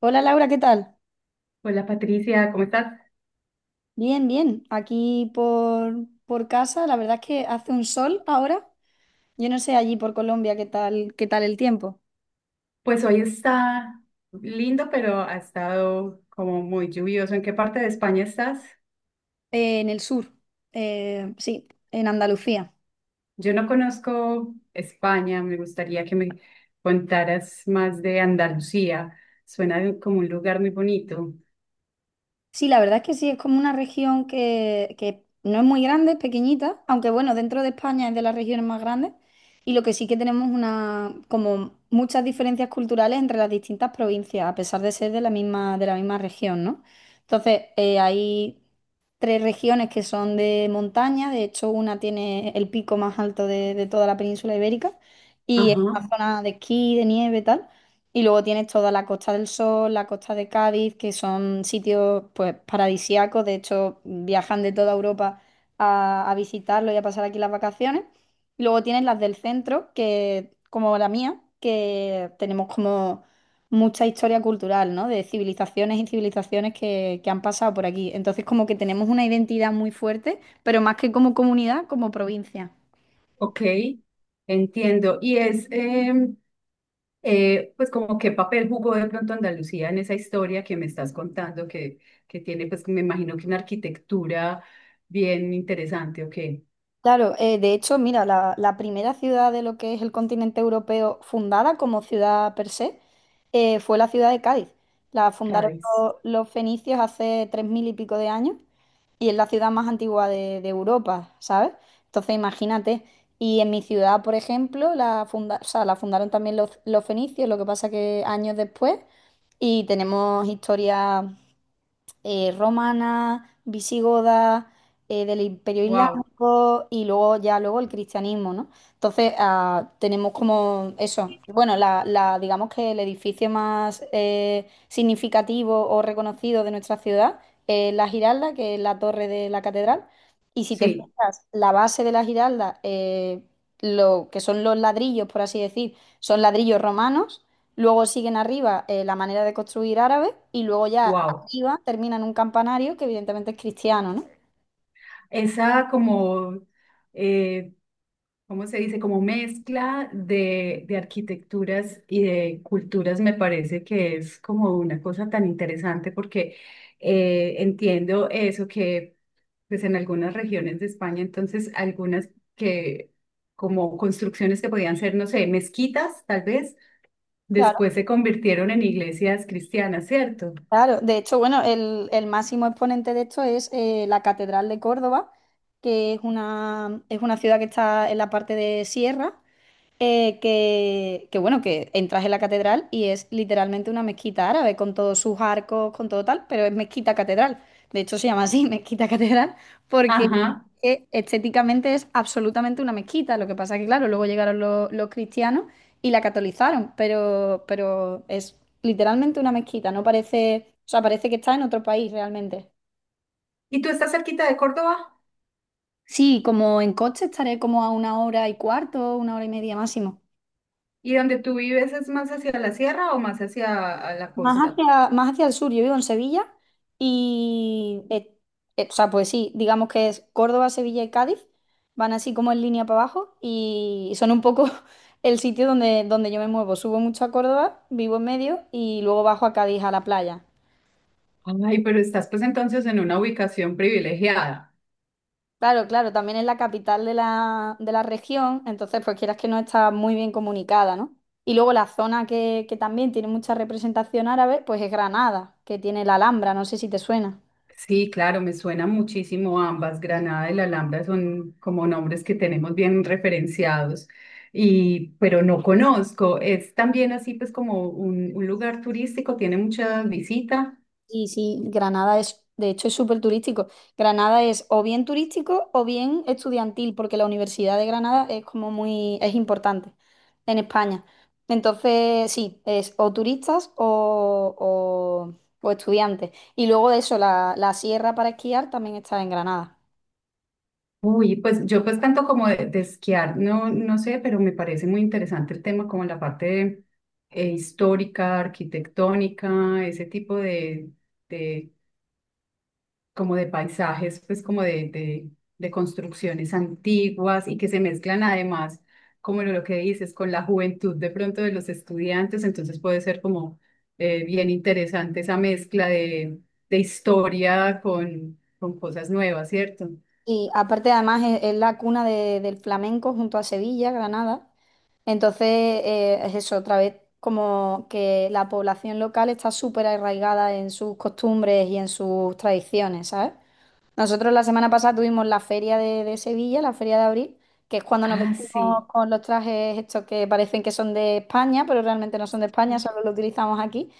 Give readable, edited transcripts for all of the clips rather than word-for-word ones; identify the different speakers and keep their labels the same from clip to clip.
Speaker 1: Hola Laura, ¿qué tal?
Speaker 2: Hola Patricia, ¿cómo estás?
Speaker 1: Bien, bien. Aquí por casa, la verdad es que hace un sol ahora. Yo no sé allí por Colombia qué tal el tiempo.
Speaker 2: Pues hoy está lindo, pero ha estado como muy lluvioso. ¿En qué parte de España estás?
Speaker 1: En el sur, sí, en Andalucía.
Speaker 2: Yo no conozco España, me gustaría que me contaras más de Andalucía. Suena como un lugar muy bonito.
Speaker 1: Sí, la verdad es que sí, es como una región que no es muy grande, es pequeñita, aunque bueno, dentro de España es de las regiones más grandes y lo que sí que tenemos una, como muchas diferencias culturales entre las distintas provincias, a pesar de ser de la misma región, ¿no? Entonces, hay tres regiones que son de montaña, de hecho una tiene el pico más alto de toda la península ibérica y es
Speaker 2: Ajá.
Speaker 1: una zona de esquí, de nieve y tal. Y luego tienes toda la Costa del Sol, la Costa de Cádiz, que son sitios pues paradisíacos. De hecho, viajan de toda Europa a visitarlo y a pasar aquí las vacaciones. Y luego tienes las del centro, que, como la mía, que tenemos como mucha historia cultural, ¿no? De civilizaciones y civilizaciones que han pasado por aquí. Entonces, como que tenemos una identidad muy fuerte, pero más que como comunidad, como provincia.
Speaker 2: Ok, entiendo. Y es, pues como qué papel jugó de pronto Andalucía en esa historia que me estás contando, que tiene, pues me imagino que una arquitectura bien interesante. Ok.
Speaker 1: Claro, de hecho, mira, la primera ciudad de lo que es el continente europeo fundada como ciudad per se fue la ciudad de Cádiz. La fundaron
Speaker 2: Cádiz.
Speaker 1: los fenicios hace tres mil y pico de años y es la ciudad más antigua de Europa, ¿sabes? Entonces, imagínate. Y en mi ciudad, por ejemplo, o sea, la fundaron también los fenicios, lo que pasa que años después y tenemos historia romana, visigoda, del Imperio
Speaker 2: Wow,
Speaker 1: Islámico y luego ya luego el cristianismo, ¿no? Entonces tenemos como eso. Bueno, digamos que el edificio más significativo o reconocido de nuestra ciudad es la Giralda, que es la torre de la catedral. Y si te
Speaker 2: sí,
Speaker 1: fijas, la base de la Giralda, lo que son los ladrillos, por así decir, son ladrillos romanos. Luego siguen arriba la manera de construir árabe y luego ya
Speaker 2: wow.
Speaker 1: iva termina en un campanario que evidentemente es cristiano, ¿no?
Speaker 2: Esa como, eh, ¿cómo se dice? Como mezcla de arquitecturas y de culturas me parece que es como una cosa tan interesante porque entiendo eso que pues en algunas regiones de España, entonces algunas que como construcciones que podían ser, no sé, mezquitas tal vez,
Speaker 1: Claro,
Speaker 2: después se convirtieron en iglesias cristianas, ¿cierto?
Speaker 1: claro. De hecho, bueno, el máximo exponente de esto es la Catedral de Córdoba, que es una ciudad que está en la parte de sierra que bueno, que entras en la catedral y es literalmente una mezquita árabe con todos sus arcos, con todo tal, pero es mezquita catedral. De hecho, se llama así, mezquita catedral, porque
Speaker 2: Ajá.
Speaker 1: estéticamente es absolutamente una mezquita. Lo que pasa que, claro, luego llegaron los cristianos y la catolizaron, pero es literalmente una mezquita, no parece, o sea, parece que está en otro país realmente.
Speaker 2: ¿Y tú estás cerquita de Córdoba?
Speaker 1: Sí, como en coche estaré como a una hora y cuarto, una hora y media máximo.
Speaker 2: ¿Y donde tú vives es más hacia la sierra o más hacia a la
Speaker 1: Más
Speaker 2: costa?
Speaker 1: hacia, más hacia el sur, yo vivo en Sevilla y, o sea, pues sí, digamos que es Córdoba, Sevilla y Cádiz, van así como en línea para abajo y son un poco el sitio donde yo me muevo. Subo mucho a Córdoba, vivo en medio y luego bajo a Cádiz a la playa.
Speaker 2: Ay, pero estás pues entonces en una ubicación privilegiada.
Speaker 1: Claro, claro, también es la capital de la región, entonces pues quieras que no está muy bien comunicada, ¿no? Y luego la zona que también tiene mucha representación árabe, pues es Granada, que tiene la Alhambra, no sé si te suena.
Speaker 2: Sí, claro, me suena muchísimo ambas. Granada y La Alhambra son como nombres que tenemos bien referenciados, y, pero no conozco. Es también así pues como un lugar turístico, tiene mucha visita.
Speaker 1: Sí, sí, Granada es, de hecho, es súper turístico. Granada es o bien turístico o bien estudiantil, porque la Universidad de Granada es como muy, es importante en España. Entonces, sí, es o turistas o estudiantes. Y luego de eso, la sierra para esquiar también está en Granada.
Speaker 2: Uy, pues yo pues tanto como de esquiar, no, no sé, pero me parece muy interesante el tema como la parte histórica, arquitectónica, ese tipo de como de paisajes, pues como de construcciones antiguas y que se mezclan además, como lo que dices, con la juventud de pronto de los estudiantes, entonces puede ser como bien interesante esa mezcla de historia con cosas nuevas, ¿cierto?
Speaker 1: Y aparte, además, es la cuna de- del flamenco junto a Sevilla, Granada. Entonces, es eso, otra vez, como que la población local está súper arraigada en sus costumbres y en sus tradiciones, ¿sabes? Nosotros la semana pasada tuvimos la feria de Sevilla, la feria de abril, que es cuando nos
Speaker 2: Ah, sí.
Speaker 1: vestimos con los trajes estos que parecen que son de España, pero realmente no son de España, solo lo utilizamos aquí.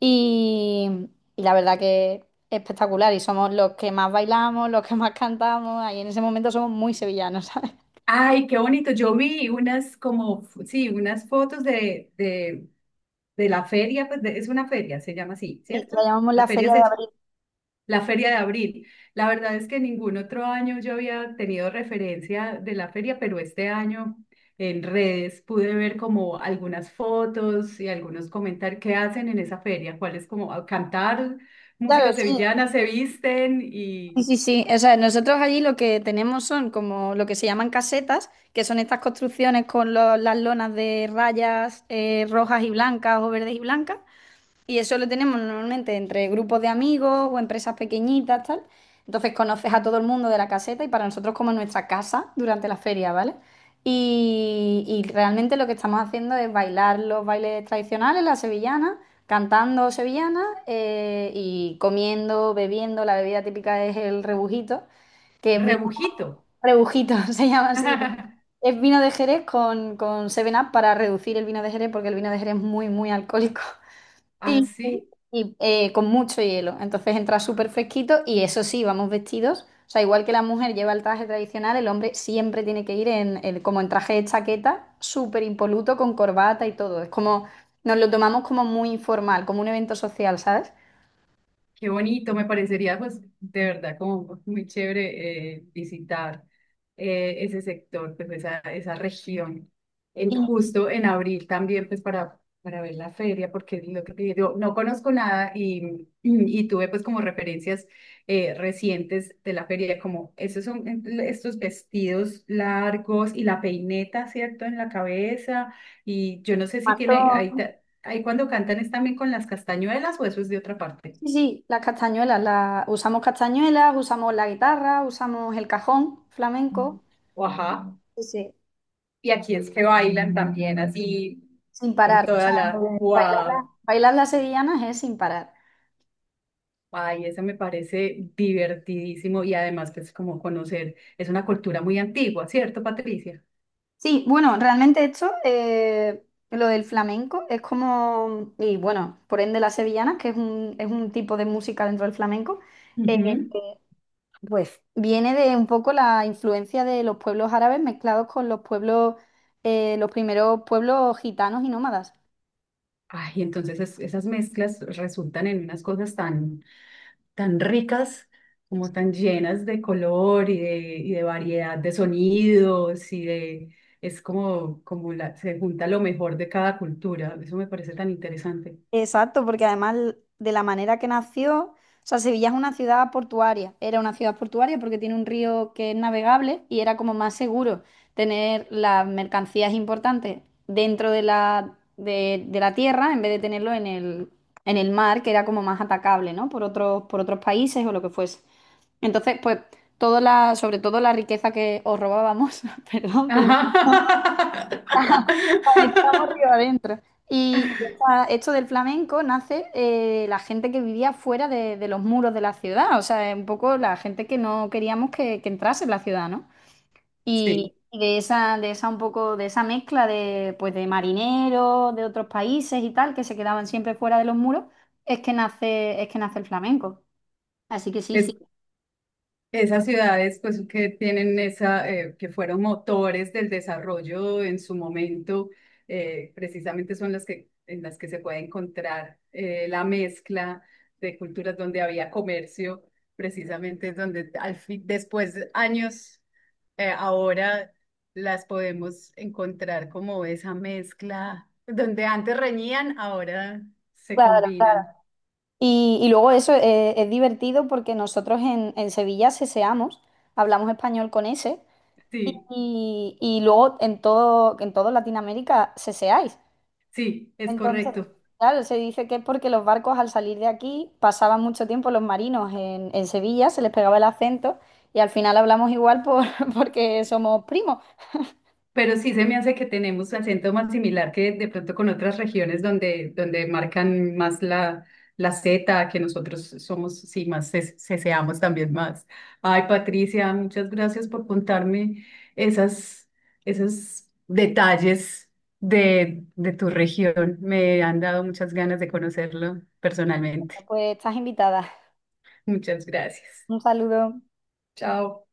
Speaker 1: Y, y la verdad que es espectacular y somos los que más bailamos, los que más cantamos, ahí en ese momento somos muy sevillanos, ¿sabes?
Speaker 2: Ay, qué bonito. Yo vi unas como, sí, unas fotos de la feria, pues es una feria, se llama así,
Speaker 1: Sí,
Speaker 2: ¿cierto?
Speaker 1: la llamamos
Speaker 2: La
Speaker 1: la
Speaker 2: feria
Speaker 1: feria de
Speaker 2: se,
Speaker 1: abril.
Speaker 2: la feria de abril. La verdad es que ningún otro año yo había tenido referencia de la feria, pero este año en redes pude ver como algunas fotos y algunos comentarios que hacen en esa feria, cuál es como ah, cantar
Speaker 1: Claro,
Speaker 2: música
Speaker 1: sí,
Speaker 2: sevillana, se visten y
Speaker 1: sí, sí, sí. O sea, nosotros allí lo que tenemos son como lo que se llaman casetas, que son estas construcciones con las lonas de rayas rojas y blancas o verdes y blancas. Y eso lo tenemos normalmente entre grupos de amigos o empresas pequeñitas, tal. Entonces conoces a todo el mundo de la caseta y para nosotros como nuestra casa durante la feria, ¿vale? Y realmente lo que estamos haciendo es bailar los bailes tradicionales, la sevillana, cantando sevillana y comiendo, bebiendo. La bebida típica es el rebujito, que es vino
Speaker 2: rebujito.
Speaker 1: rebujito, se llama así. Es vino de Jerez con 7-Up para reducir el vino de Jerez porque el vino de Jerez es muy, muy alcohólico. Y,
Speaker 2: Así.
Speaker 1: con mucho hielo. Entonces entra súper fresquito y eso sí, vamos vestidos. O sea, igual que la mujer lleva el traje tradicional, el hombre siempre tiene que ir como en traje de chaqueta, súper impoluto, con corbata y todo. Es como, nos lo tomamos como muy informal, como un evento social, ¿sabes?
Speaker 2: Qué bonito, me parecería pues de verdad como muy chévere visitar ese sector, pues esa región, en,
Speaker 1: Y
Speaker 2: justo en abril también pues para ver la feria, porque es lo que te digo, no conozco nada y, y tuve pues como referencias recientes de la feria, como esos son estos vestidos largos y la peineta, ¿cierto? En la cabeza y yo no sé si tiene, ahí,
Speaker 1: matón.
Speaker 2: ahí cuando cantan es también con las castañuelas o eso es de otra parte.
Speaker 1: Sí, sí, las castañuelas, las, usamos castañuelas, usamos la guitarra, usamos el cajón flamenco,
Speaker 2: O ajá.
Speaker 1: sí, sí,
Speaker 2: Y aquí es que bailan también así,
Speaker 1: sin
Speaker 2: con
Speaker 1: parar. O
Speaker 2: toda
Speaker 1: sea,
Speaker 2: la...
Speaker 1: bailar,
Speaker 2: ¡Wow!
Speaker 1: bailar las sevillanas es sin parar.
Speaker 2: Ay, eso me parece divertidísimo y además pues como conocer, es una cultura muy antigua, ¿cierto, Patricia?
Speaker 1: Sí, bueno, realmente esto, lo del flamenco, es como, y bueno, por ende las sevillanas, que es un tipo de música dentro del flamenco, eh,
Speaker 2: Ujú.
Speaker 1: pues viene de un poco la influencia de los pueblos árabes mezclados con los pueblos, los primeros pueblos gitanos y nómadas.
Speaker 2: Ay, entonces esas mezclas resultan en unas cosas tan, tan ricas, como tan llenas de color y de variedad de sonidos y de... Es como, como la, se junta lo mejor de cada cultura. Eso me parece tan interesante.
Speaker 1: Exacto, porque además de la manera que nació, o sea, Sevilla es una ciudad portuaria, era una ciudad portuaria porque tiene un río que es navegable y era como más seguro tener las mercancías importantes dentro de la tierra en vez de tenerlo en el mar, que era como más atacable, ¿no? Por otros países o lo que fuese. Entonces, pues, toda la, sobre todo la riqueza que os robábamos, perdón, pero
Speaker 2: Ajá.
Speaker 1: estamos río adentro. Y esta- esto del flamenco nace la gente que vivía fuera de los muros de la ciudad, o sea, un poco la gente que no queríamos que entrase en la ciudad, ¿no?
Speaker 2: Sí,
Speaker 1: Y de esa un poco, de esa mezcla de, pues, de marineros de otros países y tal, que se quedaban siempre fuera de los muros, es que nace el flamenco. Así que sí,
Speaker 2: es.
Speaker 1: sí.
Speaker 2: Esas ciudades, pues, que tienen esa, que fueron motores del desarrollo en su momento, precisamente son las que, en las que se puede encontrar la mezcla de culturas donde había comercio, precisamente es donde al fin, después de años, ahora las podemos encontrar como esa mezcla, donde antes reñían, ahora se
Speaker 1: Claro.
Speaker 2: combinan.
Speaker 1: Y luego eso es divertido porque nosotros en Sevilla seseamos, hablamos español con ese.
Speaker 2: Sí,
Speaker 1: Y, y luego en todo Latinoamérica seseáis.
Speaker 2: sí, es
Speaker 1: Entonces,
Speaker 2: correcto.
Speaker 1: claro, se dice que es porque los barcos al salir de aquí pasaban mucho tiempo los marinos en Sevilla, se les pegaba el acento y al final hablamos igual por, porque somos primos.
Speaker 2: Pero sí se me hace que tenemos acento más similar que de pronto con otras regiones donde, donde marcan más la, la Z, que nosotros somos, sí, más ceseamos también más. Ay, Patricia, muchas gracias por contarme esas, esos detalles de tu región. Me han dado muchas ganas de conocerlo personalmente.
Speaker 1: Pues estás invitada.
Speaker 2: Muchas gracias.
Speaker 1: Un saludo.
Speaker 2: Chao.